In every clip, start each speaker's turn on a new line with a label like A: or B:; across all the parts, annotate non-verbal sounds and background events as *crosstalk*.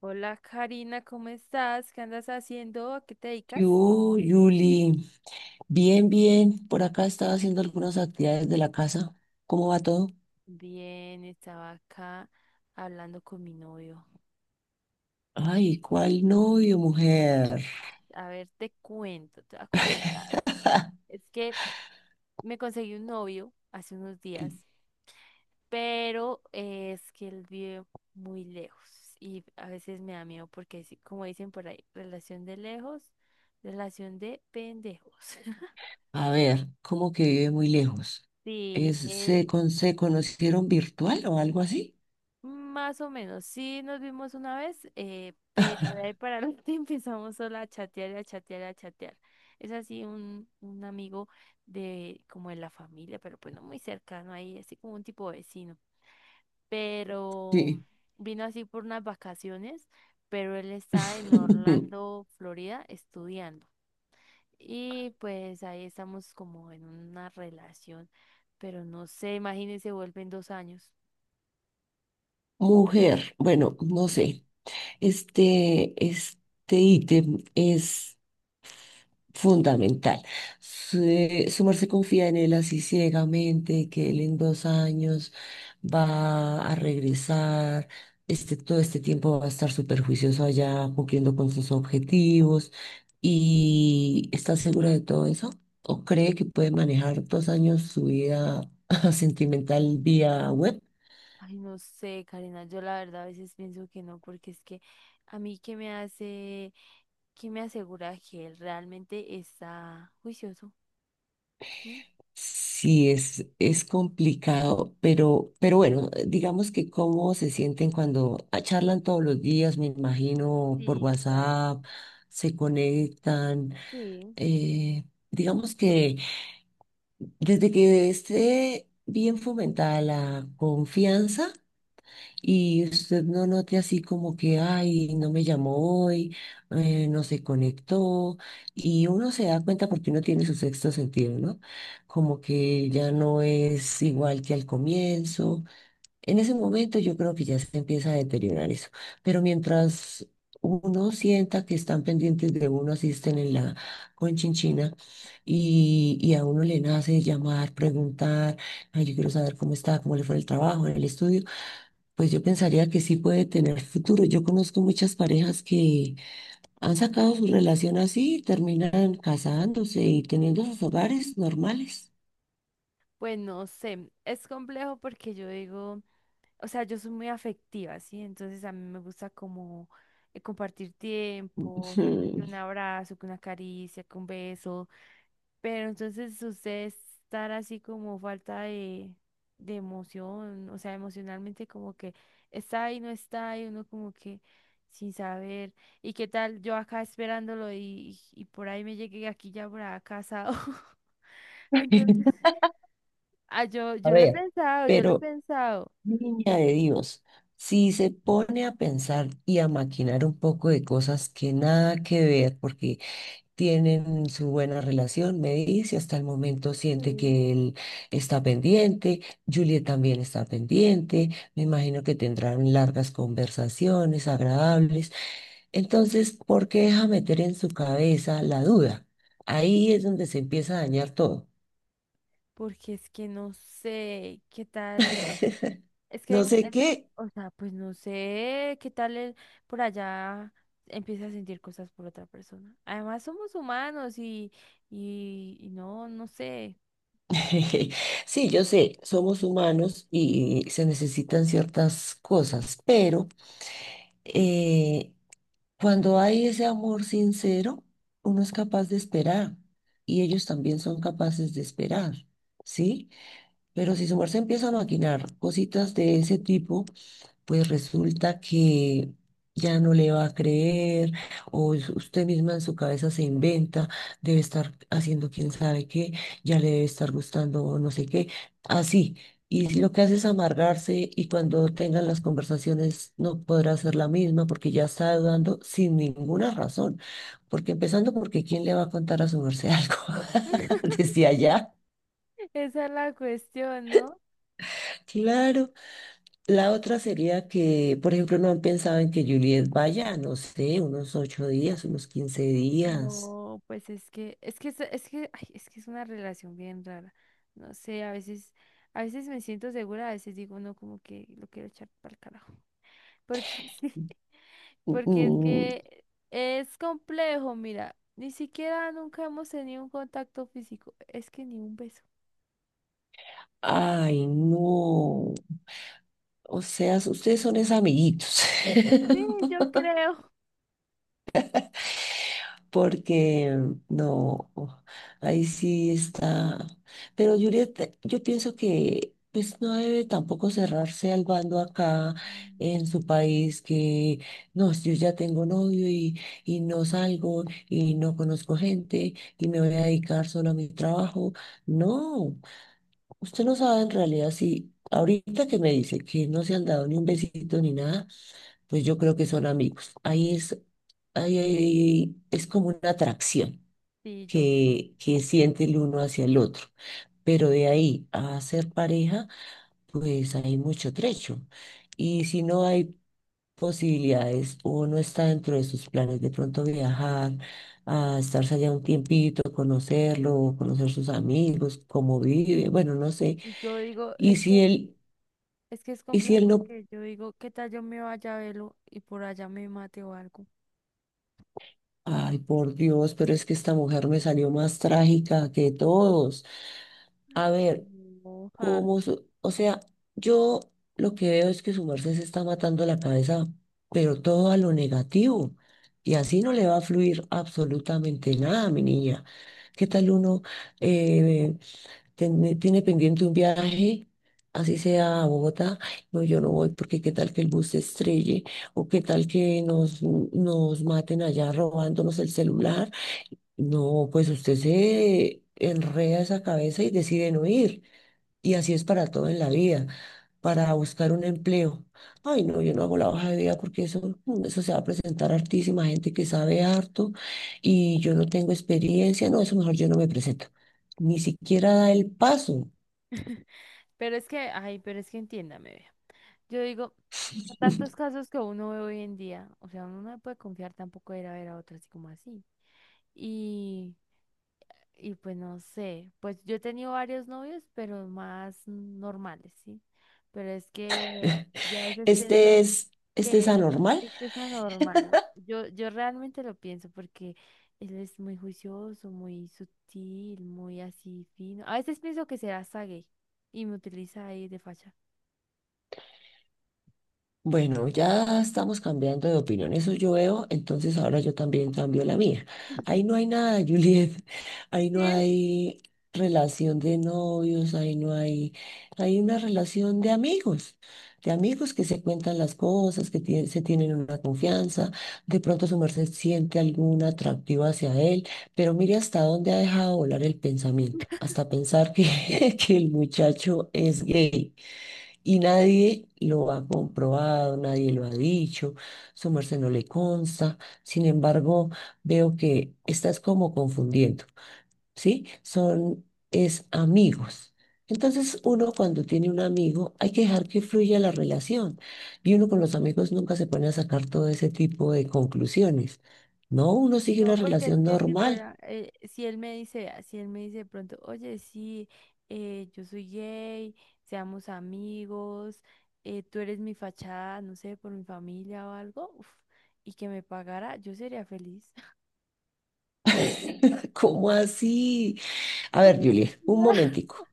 A: Hola Karina, ¿cómo estás? ¿Qué andas haciendo? ¿A qué te
B: ¿Qué
A: dedicas?
B: hubo, Yuli? Bien, bien. Por acá estaba haciendo algunas actividades de la casa. ¿Cómo va todo?
A: Bien, estaba acá hablando con mi novio.
B: Ay, ¿cuál novio, mujer?
A: A ver, te cuento, te voy a contar. Es que me conseguí un novio hace unos días, pero es que él vive muy lejos y a veces me da miedo porque, sí, como dicen por ahí, relación de lejos, relación de pendejos. *laughs*
B: A ver, ¿cómo que vive muy lejos?
A: Sí.
B: ¿Se conocieron virtual o algo así?
A: Más o menos, sí nos vimos una vez, pero de ahí para adelante *laughs* empezamos solo a chatear y a chatear y a chatear. Es así un amigo de como de la familia, pero pues no muy cercano ahí, así como un tipo vecino. Pero
B: Sí.
A: vino así por unas vacaciones, pero él está en
B: *laughs*
A: Orlando, Florida, estudiando. Y pues ahí estamos como en una relación, pero no sé, imagínense, vuelven dos años.
B: Mujer, bueno, no sé. Este ítem es fundamental. Su, su merced confía en él así ciegamente, que él en 2 años va a regresar. Todo este tiempo va a estar súper juicioso allá, cumpliendo con sus objetivos. ¿Y está segura de todo eso? ¿O cree que puede manejar 2 años su vida *laughs* sentimental vía web?
A: Ay, no sé, Karina, yo la verdad a veces pienso que no, porque es que a mí que me hace, que me asegura que él realmente está juicioso. ¿Mm?
B: Sí, es complicado, pero bueno, digamos que cómo se sienten cuando charlan todos los días, me imagino, por
A: Sí, claro.
B: WhatsApp, se conectan.
A: Sí,
B: eh, digamos que desde que esté bien fomentada la confianza, y usted no note así como que, ay, no me llamó hoy, no se conectó. Y uno se da cuenta porque uno tiene su sexto sentido, ¿no? Como que ya no es igual que al comienzo. En ese momento yo creo que ya se empieza a deteriorar eso. Pero mientras uno sienta que están pendientes de uno, asisten en la conchinchina y a uno le nace llamar, preguntar, ay, yo quiero saber cómo está, cómo le fue el trabajo en el estudio. Pues yo pensaría que sí puede tener futuro. Yo conozco muchas parejas que han sacado su relación así y terminan casándose y teniendo sus hogares normales.
A: pues no sé, es complejo porque yo digo, o sea, yo soy muy afectiva, ¿sí? Entonces a mí me gusta como compartir tiempo,
B: Ujú.
A: que un abrazo, que una caricia, que un beso. Pero entonces usted estar así como falta de emoción, o sea, emocionalmente como que está ahí, no está y uno como que sin saber. ¿Y qué tal yo acá esperándolo y por ahí me llegué aquí ya por acá casado? *laughs* Entonces,
B: *laughs*
A: ah, yo,
B: A
A: yo lo he
B: ver,
A: pensado, yo lo he
B: pero,
A: pensado.
B: niña de Dios, si se pone a pensar y a maquinar un poco de cosas que nada que ver, porque tienen su buena relación, me dice, hasta el momento siente
A: Sí.
B: que él está pendiente, Juliet también está pendiente, me imagino que tendrán largas conversaciones agradables. Entonces, ¿por qué deja meter en su cabeza la duda? Ahí es donde se empieza a dañar todo.
A: Porque es que no sé qué tal.
B: *laughs*
A: Es que,
B: No
A: em,
B: sé qué.
A: o sea, pues no sé qué tal el, por allá empieza a sentir cosas por otra persona. Además, somos humanos y no sé.
B: *laughs* Sí, yo sé, somos humanos y se necesitan ciertas cosas, pero eh, Cuando hay ese amor sincero, uno es capaz de esperar y ellos también son capaces de esperar, ¿sí? Pero si su merced empieza a maquinar cositas de ese tipo, pues resulta que ya no le va a creer o es usted misma en su cabeza se inventa, debe estar haciendo quién sabe qué, ya le debe estar gustando no sé qué, así. Y lo que hace es amargarse y cuando tengan las conversaciones no podrá ser la misma porque ya está dudando sin ninguna razón. Porque empezando porque ¿quién le va a contar a su merced algo *laughs*
A: *laughs*
B: desde allá?
A: Esa es la cuestión, ¿no?
B: Claro. La otra sería que, por ejemplo, no han pensado en que Juliet vaya, no sé, unos 8 días, unos 15 días.
A: No, pues es que, es que, es que, ay, es que es una relación bien rara. No sé, a veces me siento segura, a veces digo, no, como que lo quiero echar para el carajo. Porque *laughs* sí, porque es
B: Mm,
A: que es complejo, mira, ni siquiera nunca hemos tenido un contacto físico, es que ni un beso.
B: ay, no. O sea, ustedes son esos amiguitos.
A: Sí,
B: *laughs*
A: yo creo.
B: Porque no, oh, ahí sí está. Pero Juliet, yo pienso que pues no debe tampoco cerrarse al bando acá en su país, que no, yo ya tengo novio y no salgo y no conozco gente y me voy a dedicar solo a mi trabajo. No, usted no sabe en realidad si ahorita que me dice que no se han dado ni un besito ni nada pues yo creo que son amigos. Ahí es como una atracción
A: Sí, yo creo.
B: que siente el uno hacia el otro. Pero de ahí a ser pareja, pues hay mucho trecho. Y si no hay posibilidades o no está dentro de sus planes de pronto viajar, a estarse allá un tiempito, conocerlo, conocer sus amigos, cómo vive, bueno, no sé.
A: Y yo digo,
B: Y si él,
A: es que es
B: y si
A: complejo
B: él no
A: porque yo digo, ¿qué tal yo me vaya a verlo y por allá me mate o algo?
B: Ay, por Dios, pero es que esta mujer me salió más trágica que todos. A ver,
A: No, ja.
B: ¿cómo? O sea, yo lo que veo es que su merced se está matando la cabeza, pero todo a lo negativo. Y así no le va a fluir absolutamente nada, mi niña. ¿Qué tal uno eh, tiene pendiente un viaje? Así sea a Bogotá, "Ay, no, yo no voy porque qué tal que el bus se estrelle o qué tal que nos maten allá robándonos el celular, no, pues usted se enreda esa cabeza y decide no ir. Y así es para todo en la vida, para buscar un empleo. Ay, no, yo no hago la hoja de vida porque eso, eso se va a presentar hartísima gente que sabe harto y yo no tengo experiencia. No, eso mejor yo no me presento. Ni siquiera da el paso.
A: *laughs* Pero es que, ay, pero es que entiéndame, vea. Yo digo, a tantos casos que uno ve hoy en día, o sea, uno no puede confiar tampoco de ir a ver a otro así como así. Y, y pues no sé, pues yo he tenido varios novios, pero más normales, ¿sí? Pero es que
B: *laughs*
A: yo a veces pienso
B: Este es, este es
A: que
B: anormal.
A: este es anormal. Yo realmente lo pienso porque él es muy juicioso, muy sutil, muy así fino. A veces pienso que será hasta gay y me utiliza ahí de facha.
B: Bueno, ya estamos cambiando de opinión, eso yo veo, entonces ahora yo también cambio la mía. Ahí no hay nada, Juliet, *laughs* ahí no
A: Sí.
B: hay relación de novios, ahí no hay, hay una relación de amigos que se cuentan las cosas, que se tienen una confianza, de pronto su merced siente algún atractivo hacia él, pero mire hasta dónde ha dejado volar el pensamiento, hasta pensar que, *laughs* que el muchacho es gay. Y nadie lo ha comprobado, nadie lo ha dicho, su merced no le consta. Sin embargo, veo que estás como confundiendo, ¿sí? Es amigos. Entonces, uno cuando tiene un amigo, hay que dejar que fluya la relación. Y uno con los amigos nunca se pone a sacar todo ese tipo de conclusiones. No, uno sigue
A: No,
B: una
A: porque es
B: relación
A: que si
B: normal.
A: fuera, si él me dice, si él me dice de pronto, oye, sí, yo soy gay, seamos amigos, tú eres mi fachada, no sé, por mi familia o algo, uf, y que me pagara, yo sería feliz. *laughs*
B: *laughs* ¿Cómo así? A
A: Pues,
B: ver, Juliet, un
A: no.
B: momentico.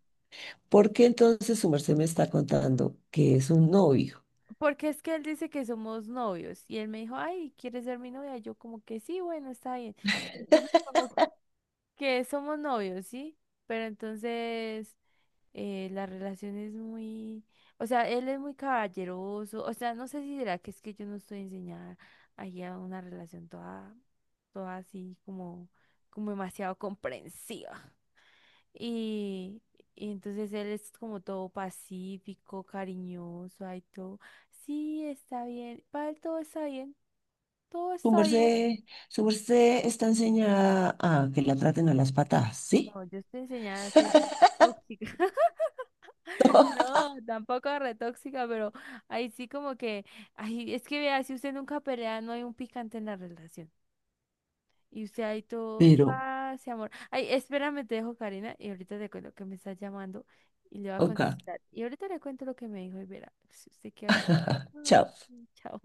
B: ¿Por qué entonces su merced me está contando que es un novio?
A: Porque es que él dice que somos novios y él me dijo, ay, ¿quieres ser mi novia? Yo como que sí, bueno, está bien. Entonces como que somos novios, ¿sí? Pero entonces la relación es muy, o sea, él es muy caballeroso, o sea, no sé si será que es que yo no estoy enseñada ahí a una relación toda, toda así como, como demasiado comprensiva. Y, y entonces él es como todo pacífico, cariñoso, ahí todo, sí, está bien, para él todo está bien, todo
B: Su
A: está bien.
B: merced, su merced está enseñada a que la traten a las patadas, ¿sí?
A: No, yo estoy enseñada a ser tóxica. No, tampoco retóxica, pero ahí sí como que, ay, es que vea, si usted nunca pelea, no hay un picante en la relación. Y usted ahí todo,
B: Pero,
A: ah sí amor. Ay, espérame, te dejo, Karina, y ahorita te cuento que me está llamando y le voy a
B: ok,
A: contestar. Y ahorita le cuento lo que me dijo y verá, si usted queda como,
B: *laughs*
A: ay,
B: chao.
A: sí, chao.